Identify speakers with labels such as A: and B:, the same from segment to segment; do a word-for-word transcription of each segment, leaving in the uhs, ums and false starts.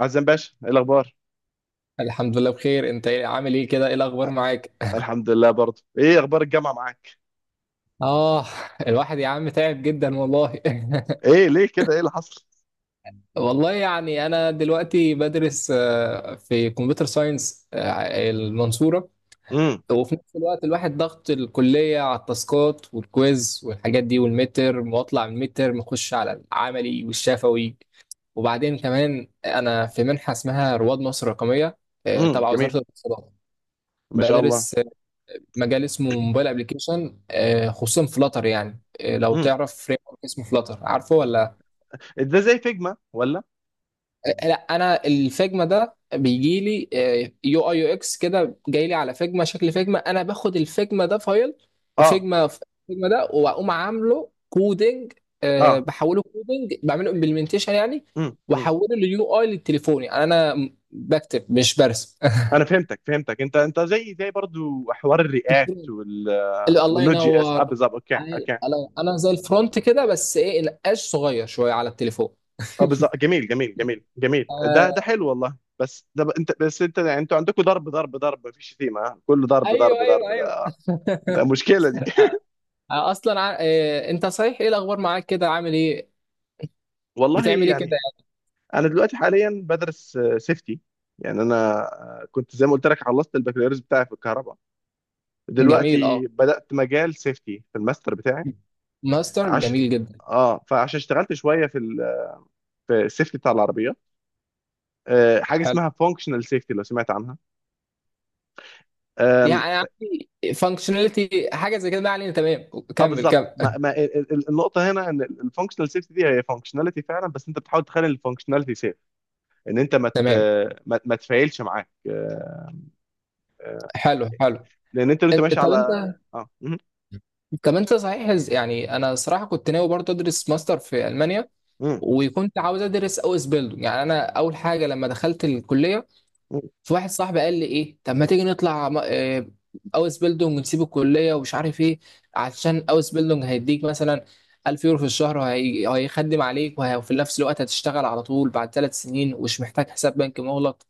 A: عزام باشا، ايه الاخبار؟
B: الحمد لله بخير. انت ايه- عامل ايه كده، ايه الاخبار معاك؟
A: الحمد لله برضه. ايه اخبار الجامعه معاك؟
B: اه الواحد يا عم تعب جدا والله
A: ايه؟ ليه كده؟ ايه اللي حصل؟
B: والله يعني انا دلوقتي بدرس آه، في كمبيوتر ساينس، آه، المنصورة.
A: امم،
B: وفي نفس الوقت الواحد ضغط الكلية على التاسكات والكويز والحاجات دي والمتر، واطلع من المتر مخش على العملي والشفوي. وبعدين كمان انا في منحة اسمها رواد مصر الرقمية، آه،
A: امم،
B: تبع وزارة
A: جميل.
B: الاتصالات.
A: ما شاء الله.
B: بدرس مجال اسمه موبايل ابلكيشن، خصوصا فلاتر يعني. آه، لو
A: امم.
B: تعرف فريم ورك اسمه فلاتر، عارفه ولا؟
A: ده زي فيجما ولا؟
B: آه، لا، انا الفيجما ده بيجي لي يو اي يو اكس كده، جاي لي على فيجما، شكل فيجما. انا باخد الفيجما ده فايل
A: اه،
B: فيجما، فيجما ده واقوم عامله كودنج،
A: اه.
B: بحوله كودنج، بعمله امبلمنتيشن يعني.
A: امم، امم.
B: واحوله ليو اي للتليفون، يعني انا بكتب مش برسم.
A: انا فهمتك، فهمتك، انت انت زي زي برضه حوار الرياكت وال...
B: ال- الله
A: والنوت جي اس، اه،
B: ينور.
A: بالظبط، اوكي،
B: أنا
A: اوكي.
B: أنا أنا زي الفرونت كده، بس إيه، نقاش صغير شوية على التليفون.
A: اه، بالظبط، جميل جميل جميل جميل،
B: آه،
A: ده ده حلو والله. بس ده ب- انت بس انت، يعني انتوا عندكم ضرب ضرب ضرب، مفيش شتيمه، ها؟ كله ضرب ضرب
B: أيوه أيوه
A: ضرب،
B: أيوه.
A: ده ده مشكله دي.
B: آه. آه، أصلا ع... آه أنت صحيح، إيه الأخبار معاك كده، عامل إيه؟
A: والله
B: بتعمل إيه
A: يعني،
B: كده؟
A: انا دلوقتي حاليا بدرس سيفتي. يعني انا، آه، كنت زي ما قلت لك خلصت البكالوريوس بتاعي في الكهرباء.
B: يعني جميل، أه،
A: دلوقتي بدات مجال سيفتي في الماستر بتاعي.
B: ماستر
A: عش
B: جميل جدا.
A: اه فعشان اشتغلت شويه في ال في السيفتي بتاع العربيه. آه، حاجه
B: حلو،
A: اسمها فانكشنال سيفتي، لو سمعت عنها؟ آم،
B: يعني عندي فانكشناليتي حاجة زي كده. ما علينا، تمام،
A: اه،
B: كمل
A: بالظبط،
B: كمل.
A: ما... ما... ال- ال- النقطه هنا ان الفانكشنال سيفتي دي هي فانكشناليتي فعلا، بس انت بتحاول تخلي الفانكشناليتي سيف. ان انت ما ت...
B: تمام،
A: ما, ما تفعلش معاك، آه، آه،
B: حلو حلو.
A: لان انت وانت
B: إن-
A: ماشي
B: طب أنت،
A: على. اه مهم.
B: طب انت صحيح، يعني انا صراحه كنت ناوي برضه ادرس ماستر في المانيا،
A: مهم.
B: وكنت عاوز ادرس او اس بيلدو. يعني انا اول حاجه لما دخلت الكليه،
A: مهم.
B: في واحد صاحبي قال لي ايه، طب ما تيجي نطلع م- آه، او اس بيلدونج، ونسيب الكليه ومش عارف ايه، عشان او اس بيلدونج هيديك مثلا ألف يورو في الشهر، وهي- وهيخدم عليك، وه- وفي نفس الوقت هتشتغل على طول بعد ثلاث سنين، ومش محتاج حساب بنكي مغلق.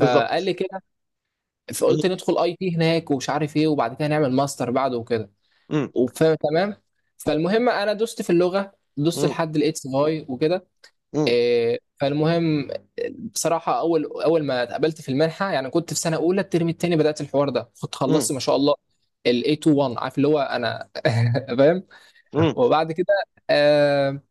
B: فقال لي كده،
A: مم.
B: فقلت ندخل اي تي هناك ومش عارف ايه، وبعد كده نعمل ماستر بعده وكده.
A: مم.
B: وف- تمام. فالمهم انا دوست في اللغه، دوست
A: مم.
B: لحد الاكس واي وكده. إيه، فالمهم، بصراحة أول أول ما اتقبلت في المنحة، يعني كنت في سنة أولى، الترم التاني بدأت الحوار ده، كنت
A: مم.
B: خلصت ما شاء الله ال ايه اتنين واحد، عارف اللي هو، أنا فاهم.
A: مم.
B: وبعد كده آه،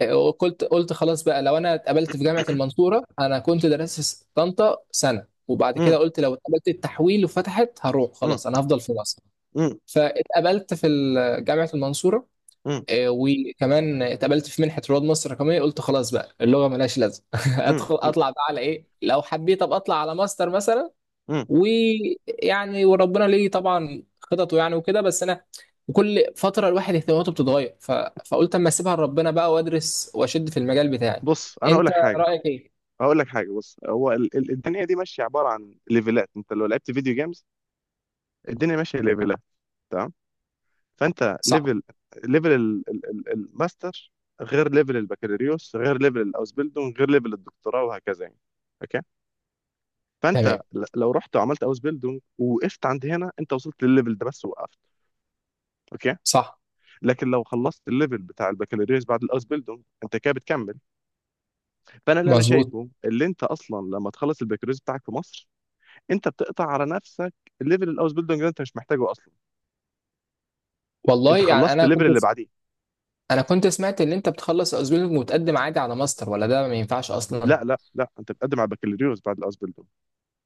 B: آه، قلت قلت خلاص بقى، لو أنا اتقبلت في جامعة المنصورة، أنا كنت درست في طنطا سنة، وبعد كده
A: مم.
B: قلت لو اتقبلت التحويل وفتحت هروح،
A: مم.
B: خلاص أنا هفضل في مصر.
A: مم.
B: فاتقبلت في ال- جامعة المنصورة،
A: مم.
B: آه، وكمان اتقبلت في منحه رواد مصر الرقميه. قلت خلاص بقى، اللغه ملهاش لازمه
A: مم.
B: ادخل اطلع بقى على ايه، لو حبيت ابقى اطلع على ماستر مثلا.
A: مم.
B: ويعني وربنا ليه طبعا خططه يعني وكده، بس انا وكل فتره الواحد اهتماماته بتتغير ف... فقلت اما اسيبها لربنا بقى، وادرس واشد في المجال بتاعي.
A: بص، انا اقول
B: انت
A: لك حاجه.
B: رايك ايه؟
A: اقول لك حاجه، بص، هو ال- ال- الدنيا دي ماشيه عباره عن ليفلات، انت لو لعبت فيديو جيمز. الدنيا ماشيه ليفلات. تمام. فانت
B: صح،
A: ليفل ليفل ال- ال- ال- الماستر. غير ليفل البكالوريوس، غير ليفل الاوسبيلدون، غير ليفل الدكتوراه وهكذا يعني. اوكي. فانت
B: تمام،
A: ل- لو رحت وعملت اوسبيلدون ووقفت عند هنا، انت وصلت للليفل ده بس وقفت. اوكي.
B: صح،
A: لكن لو خلصت الليفل بتاع البكالوريوس بعد الاوسبيلدونج، انت كده بتكمل. فانا اللي انا
B: مظبوط.
A: شايفه اللي انت اصلا لما تخلص البكالوريوس بتاعك في مصر، انت بتقطع على نفسك. ليفل الاوسبيلدونج ده انت مش محتاجه اصلا،
B: والله
A: انت
B: يعني
A: خلصت
B: انا
A: الليفل
B: كنت،
A: اللي بعديه.
B: انا كنت سمعت ان انت بتخلص ازميلك وتقدم عادي على ماستر، ولا ده ما ينفعش اصلا؟
A: لا، لا، لا، انت بتقدم على البكالوريوس بعد الاوسبيلدونج.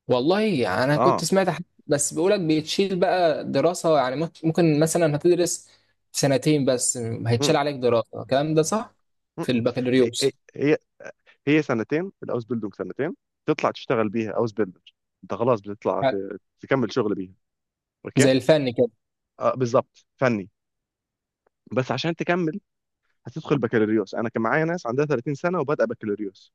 B: والله يعني انا
A: اه.
B: كنت سمعت حد بس بيقولك بيتشيل بقى دراسة، يعني ممكن ممكن مثلا هتدرس سنتين بس،
A: مم.
B: هيتشال عليك دراسة، الكلام ده صح؟
A: مم.
B: في
A: هي هي
B: البكالوريوس.
A: هي هي سنتين الاوسبيلدونج، سنتين. تطلع تشتغل بيها اوس بيلدر. انت خلاص بتطلع
B: يعني
A: ت- تكمل شغل بيها. اوكي،
B: زي الفن كده؟
A: آه، بالظبط، فني. بس عشان تكمل هتدخل بكالوريوس، انا كان معايا ناس عندها ثلاثين سنة سنه وبادئه بكالوريوس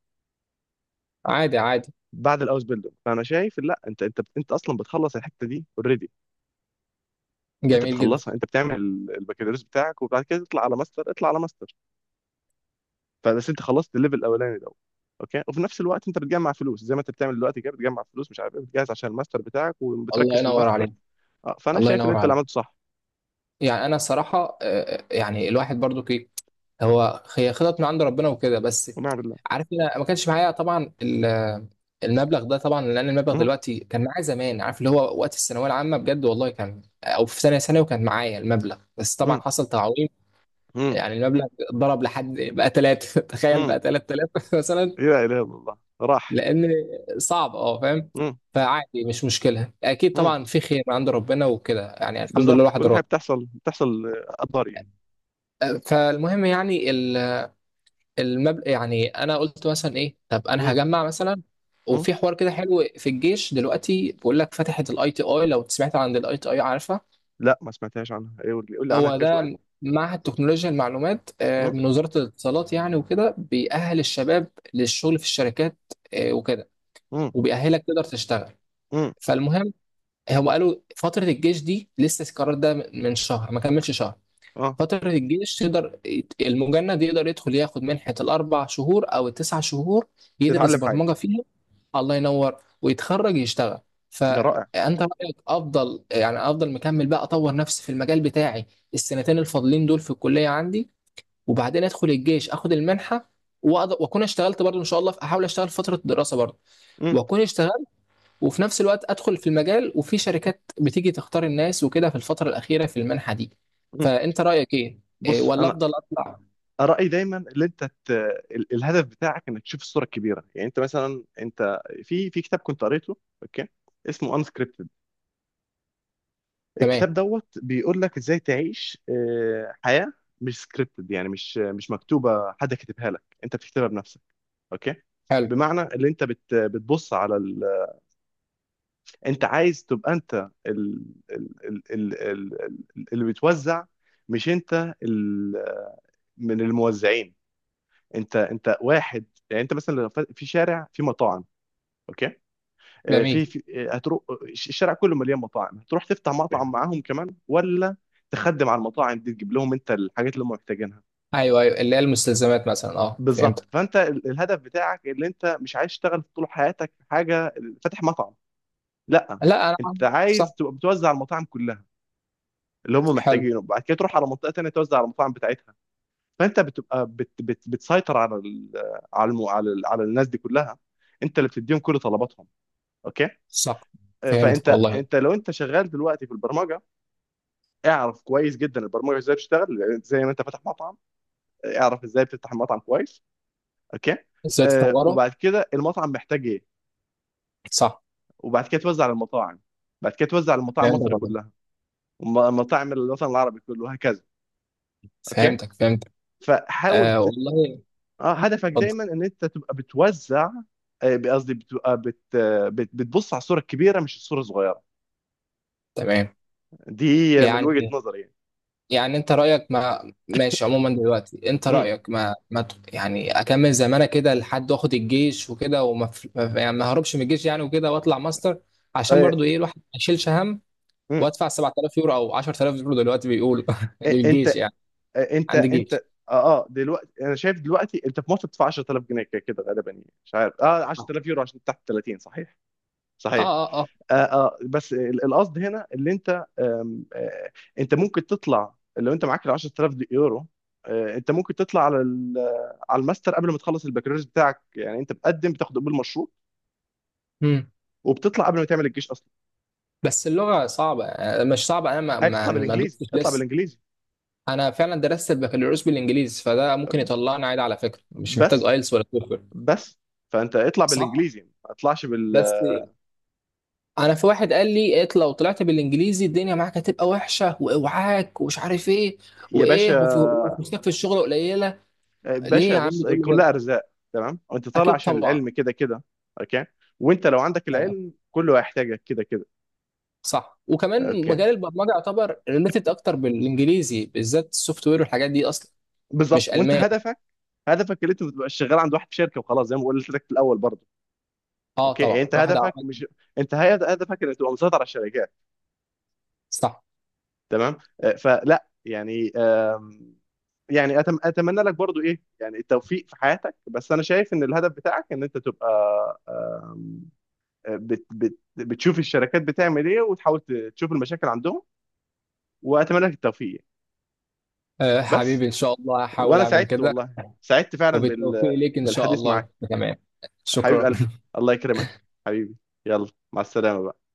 B: عادي عادي،
A: بعد الاوس بيلدون. فانا شايف، لا، انت، انت انت اصلا بتخلص الحته دي اوريدي. انت
B: جميل جدا،
A: بتخلصها، انت بتعمل البكالوريوس بتاعك وبعد كده تطلع على ماستر، اطلع على ماستر. فبس انت خلصت الليفل الاولاني ده. اوكي. وفي نفس الوقت انت بتجمع فلوس زي ما انت بتعمل دلوقتي كده، بتجمع فلوس مش عارف ايه، بتجهز عشان الماستر بتاعك
B: الله
A: وبتركز في
B: ينور
A: الماستر.
B: عليك،
A: اه، فانا
B: الله
A: شايف ان
B: ينور
A: انت اللي
B: عليك.
A: عملته صح.
B: يعني انا الصراحة، آه، يعني الواحد برضو، هو هي خطط من عند ربنا وكده. بس
A: ونعم بالله.
B: عارف، انا ما كانش معايا طبعا ال- المبلغ ده طبعا، لان المبلغ
A: مم.
B: دلوقتي كان معايا زمان، عارف اللي هو وقت الثانويه العامه، بجد والله كان، او في ثانيه ثانوي وكان معايا المبلغ، بس طبعا
A: مم.
B: حصل تعويم.
A: مم.
B: يعني المبلغ ضرب لحد بقى ثلاثة تخيل
A: مم.
B: بقى تلات آلاف مثلا.
A: لا اله الا الله، راح.
B: لان صعب، اه فاهم.
A: مم.
B: فعادي، مش مشكله، اكيد
A: مم.
B: طبعا في خير من عند ربنا وكده، يعني الحمد لله
A: بالظبط،
B: الواحد
A: كل حاجه
B: راضي.
A: بتحصل بتحصل، آه، قدر يعني.
B: فالمهم يعني المبلغ، يعني انا قلت مثلا ايه، طب انا
A: مم.
B: هجمع مثلا.
A: مم.
B: وفي حوار كده حلو في الجيش دلوقتي، بيقول لك فتحت الاي تي اي، لو سمعت عن الاي تي اي، عارفها؟
A: لا، ما سمعتهاش عنها. ايه؟ قول لي، قول لي عنها
B: هو
A: كده شويه.
B: ده معهد تكنولوجيا المعلومات، آه،
A: مم.
B: من وزارة الاتصالات، يعني وكده بيأهل الشباب للشغل في الشركات، آه، وكده،
A: مم.
B: وبيأهلك تقدر تشتغل.
A: مم.
B: فالمهم، هم قالوا فترة الجيش دي، لسه القرار ده من شهر، ما كملش شهر.
A: اه،
B: فترة الجيش تقدر، المجند يقدر يدخل ياخد منحة الأربع شهور أو التسع شهور، يدرس
A: تتعلم حاجه.
B: برمجة فيها. الله ينور. ويتخرج يشتغل.
A: ده رائع.
B: فأنت رأيك أفضل، يعني أفضل مكمل بقى أطور نفسي في المجال بتاعي السنتين الفاضلين دول في الكلية عندي، وبعدين أدخل الجيش أخد المنحة، وأقدر- وأكون اشتغلت برضه إن شاء الله، أحاول أشتغل فترة الدراسة برضه،
A: مم.
B: وأكون اشتغلت، وفي نفس الوقت ادخل في المجال، وفي شركات بتيجي تختار الناس وكده في الفتره الاخيره في المنحه دي.
A: مم.
B: فانت رايك ايه؟ إيه،
A: بص،
B: ولا
A: انا
B: افضل اطلع؟
A: رايي دايما ان انت ت... ال- الهدف بتاعك، انك تشوف الصوره الكبيره. يعني انت مثلا، انت في في كتاب كنت قريته. اوكي. اسمه انسكريبتد.
B: تمام،
A: الكتاب دوت بيقول لك ازاي تعيش آه، حياه. مش سكريبتد، يعني مش مش مكتوبه، حد كاتبها لك، انت بتكتبها بنفسك. اوكي.
B: حلو،
A: بمعنى اللي انت بت... بتبص على. انت عايز تبقى، انت ال... ال... ال... ال... ال... ال- اللي بتوزع. مش انت ال... من الموزعين. انت انت واحد. يعني انت مثلا لو ف- في شارع في مطاعم. اوكي. آه، في,
B: جميل،
A: في آه، هتروح الش- الشارع كله مليان مطاعم، هتروح تفتح مطعم معاهم كمان، ولا تخدم على المطاعم دي، تجيب لهم انت الحاجات اللي هم محتاجينها؟
B: ايوه ايوه، اللي هي المستلزمات مثلا، اه
A: بالظبط،
B: فهمتك.
A: فانت ال- الهدف بتاعك اللي انت مش عايز تشتغل طول حياتك في حاجه. فاتح مطعم. لا،
B: لا انا،
A: انت عايز
B: صح،
A: تبقى بتوزع على المطاعم كلها اللي هم
B: حلو،
A: محتاجينه، بعد كده تروح على منطقه تانية توزع على المطاعم بتاعتها. فانت بتبقى بت بت بتسيطر على ال على الم على, ال على الناس دي كلها، انت اللي بتديهم كل طلباتهم. اوكي.
B: صح،
A: آه،
B: فهمتك
A: فانت
B: والله.
A: انت لو انت شغال دلوقتي في البرمجه، اعرف كويس جدا البرمجه ازاي بتشتغل، لأن زي ما انت فاتح مطعم. آه، اعرف ازاي بتفتح المطعم كويس. اوكي.
B: ازاي
A: آه،
B: تطوره؟
A: وبعد كده المطعم محتاج ايه،
B: صح،
A: وبعد كده توزع على المطاعم، بعد كده توزع على المطاعم
B: فهمتك
A: مصر
B: والله،
A: كلها ومطاعم الوطن العربي كله وهكذا. اوكي.
B: فهمتك فهمتك.
A: فحاول
B: آه
A: ت-
B: والله.
A: اه هدفك
B: اتفضل.
A: دايما ان انت تبقى بتوزع. آه، قصدي بتبقى بت... آه، بت... بتبص على الصوره الكبيره مش الصوره الصغيره
B: تمام.
A: دي، من وجهه
B: يعني،
A: نظري يعني.
B: يعني انت رأيك ما ماشي عموما دلوقتي، انت
A: امم
B: رأيك ما ما ت- يعني اكمل زمانة كده لحد واخد الجيش وكده، وما ف- ما ف- يعني ما هربش من الجيش يعني وكده، واطلع ماستر، عشان
A: آه،
B: برضو ايه، الواحد ما يشيلش هم.
A: امم
B: وادفع سبعة آلاف يورو او عشر آلاف يورو دلوقتي بيقولوا
A: آه، انت
B: للجيش يعني.
A: آه، انت
B: عندي
A: انت
B: جيش.
A: اه اه دلوقتي انا شايف، دلوقتي انت في مصر بتدفع عشرة آلاف جنيه كده كده غالبا، يعني مش عارف، اه
B: اه،
A: عشرة آلاف يورو عشان تحت ثلاثين، صحيح؟ صحيح.
B: اه اه.
A: آه آه بس ال- القصد هنا اللي انت آم، آه انت ممكن تطلع لو انت معاك ال عشرة آلاف دي- يورو. آه انت ممكن تطلع على ال- على الماستر قبل ما تخلص البكالوريوس بتاعك، يعني انت بتقدم، بتاخد قبول مشروط،
B: مم.
A: وبتطلع قبل ما تعمل الجيش اصلا.
B: بس اللغة صعبة، آه، مش صعبة، انا ما
A: عايز
B: ما-
A: تطلع
B: يعني ما
A: بالانجليزي؟
B: دوستش
A: اطلع
B: لسه.
A: بالانجليزي.
B: انا فعلا درست البكالوريوس بالانجليزي، فده ممكن يطلعني عادي. على فكرة مش محتاج
A: بس
B: ايلتس ولا توفل.
A: بس فانت اطلع
B: صح.
A: بالانجليزي، ما تطلعش بال.
B: بس انا في واحد قال لي إيه، لو طلعت بالانجليزي الدنيا معاك هتبقى وحشه، واوعاك ومش عارف ايه،
A: يا
B: وايه وفي-
A: باشا،
B: وفلوسك في الشغل قليله.
A: آه،
B: ليه
A: باشا،
B: يا عم
A: بص، هي
B: تقول لي كده؟
A: كلها ارزاق. تمام، وانت طالع
B: اكيد
A: عشان
B: طبعا.
A: العلم كده كده. اوكي. وانت لو عندك
B: تمام.
A: العلم كله هيحتاجك كده كده.
B: صح، وكمان
A: اوكي،
B: مجال البرمجه يعتبر ريليتد اكتر بالانجليزي بالذات، السوفت وير والحاجات دي اصلا
A: بالظبط،
B: مش
A: وانت
B: الماني.
A: هدفك، هدفك اللي انت ما تبقاش شغال عند واحد في شركه وخلاص، زي ما قلت لك في الاول برضه.
B: اه
A: اوكي، يعني
B: طبعا
A: انت
B: الواحد
A: هدفك
B: عمل.
A: مش، انت هد- هدفك انك تبقى مسيطر على الشركات.
B: صح.
A: تمام. آه، فلا يعني آم، يعني أتم... اتمنى لك برضه ايه يعني التوفيق في حياتك. بس انا شايف ان الهدف بتاعك ان انت تبقى، آم، آه، بت... بت... بتشوف الشركات بتعمل ايه، وتحاول ت- تشوف المشاكل عندهم. واتمنى لك التوفيق.
B: آه
A: بس،
B: حبيبي، ان شاء الله هحاول
A: وانا
B: اعمل
A: سعدت،
B: كده.
A: والله سعدت فعلا
B: وبالتوفيق
A: بال...
B: ليك ان شاء
A: بالحديث معاك.
B: الله، تمام،
A: حبيب
B: شكرا.
A: قلبي. الله يكرمك. حبيبي. يلا. مع السلامة بقى.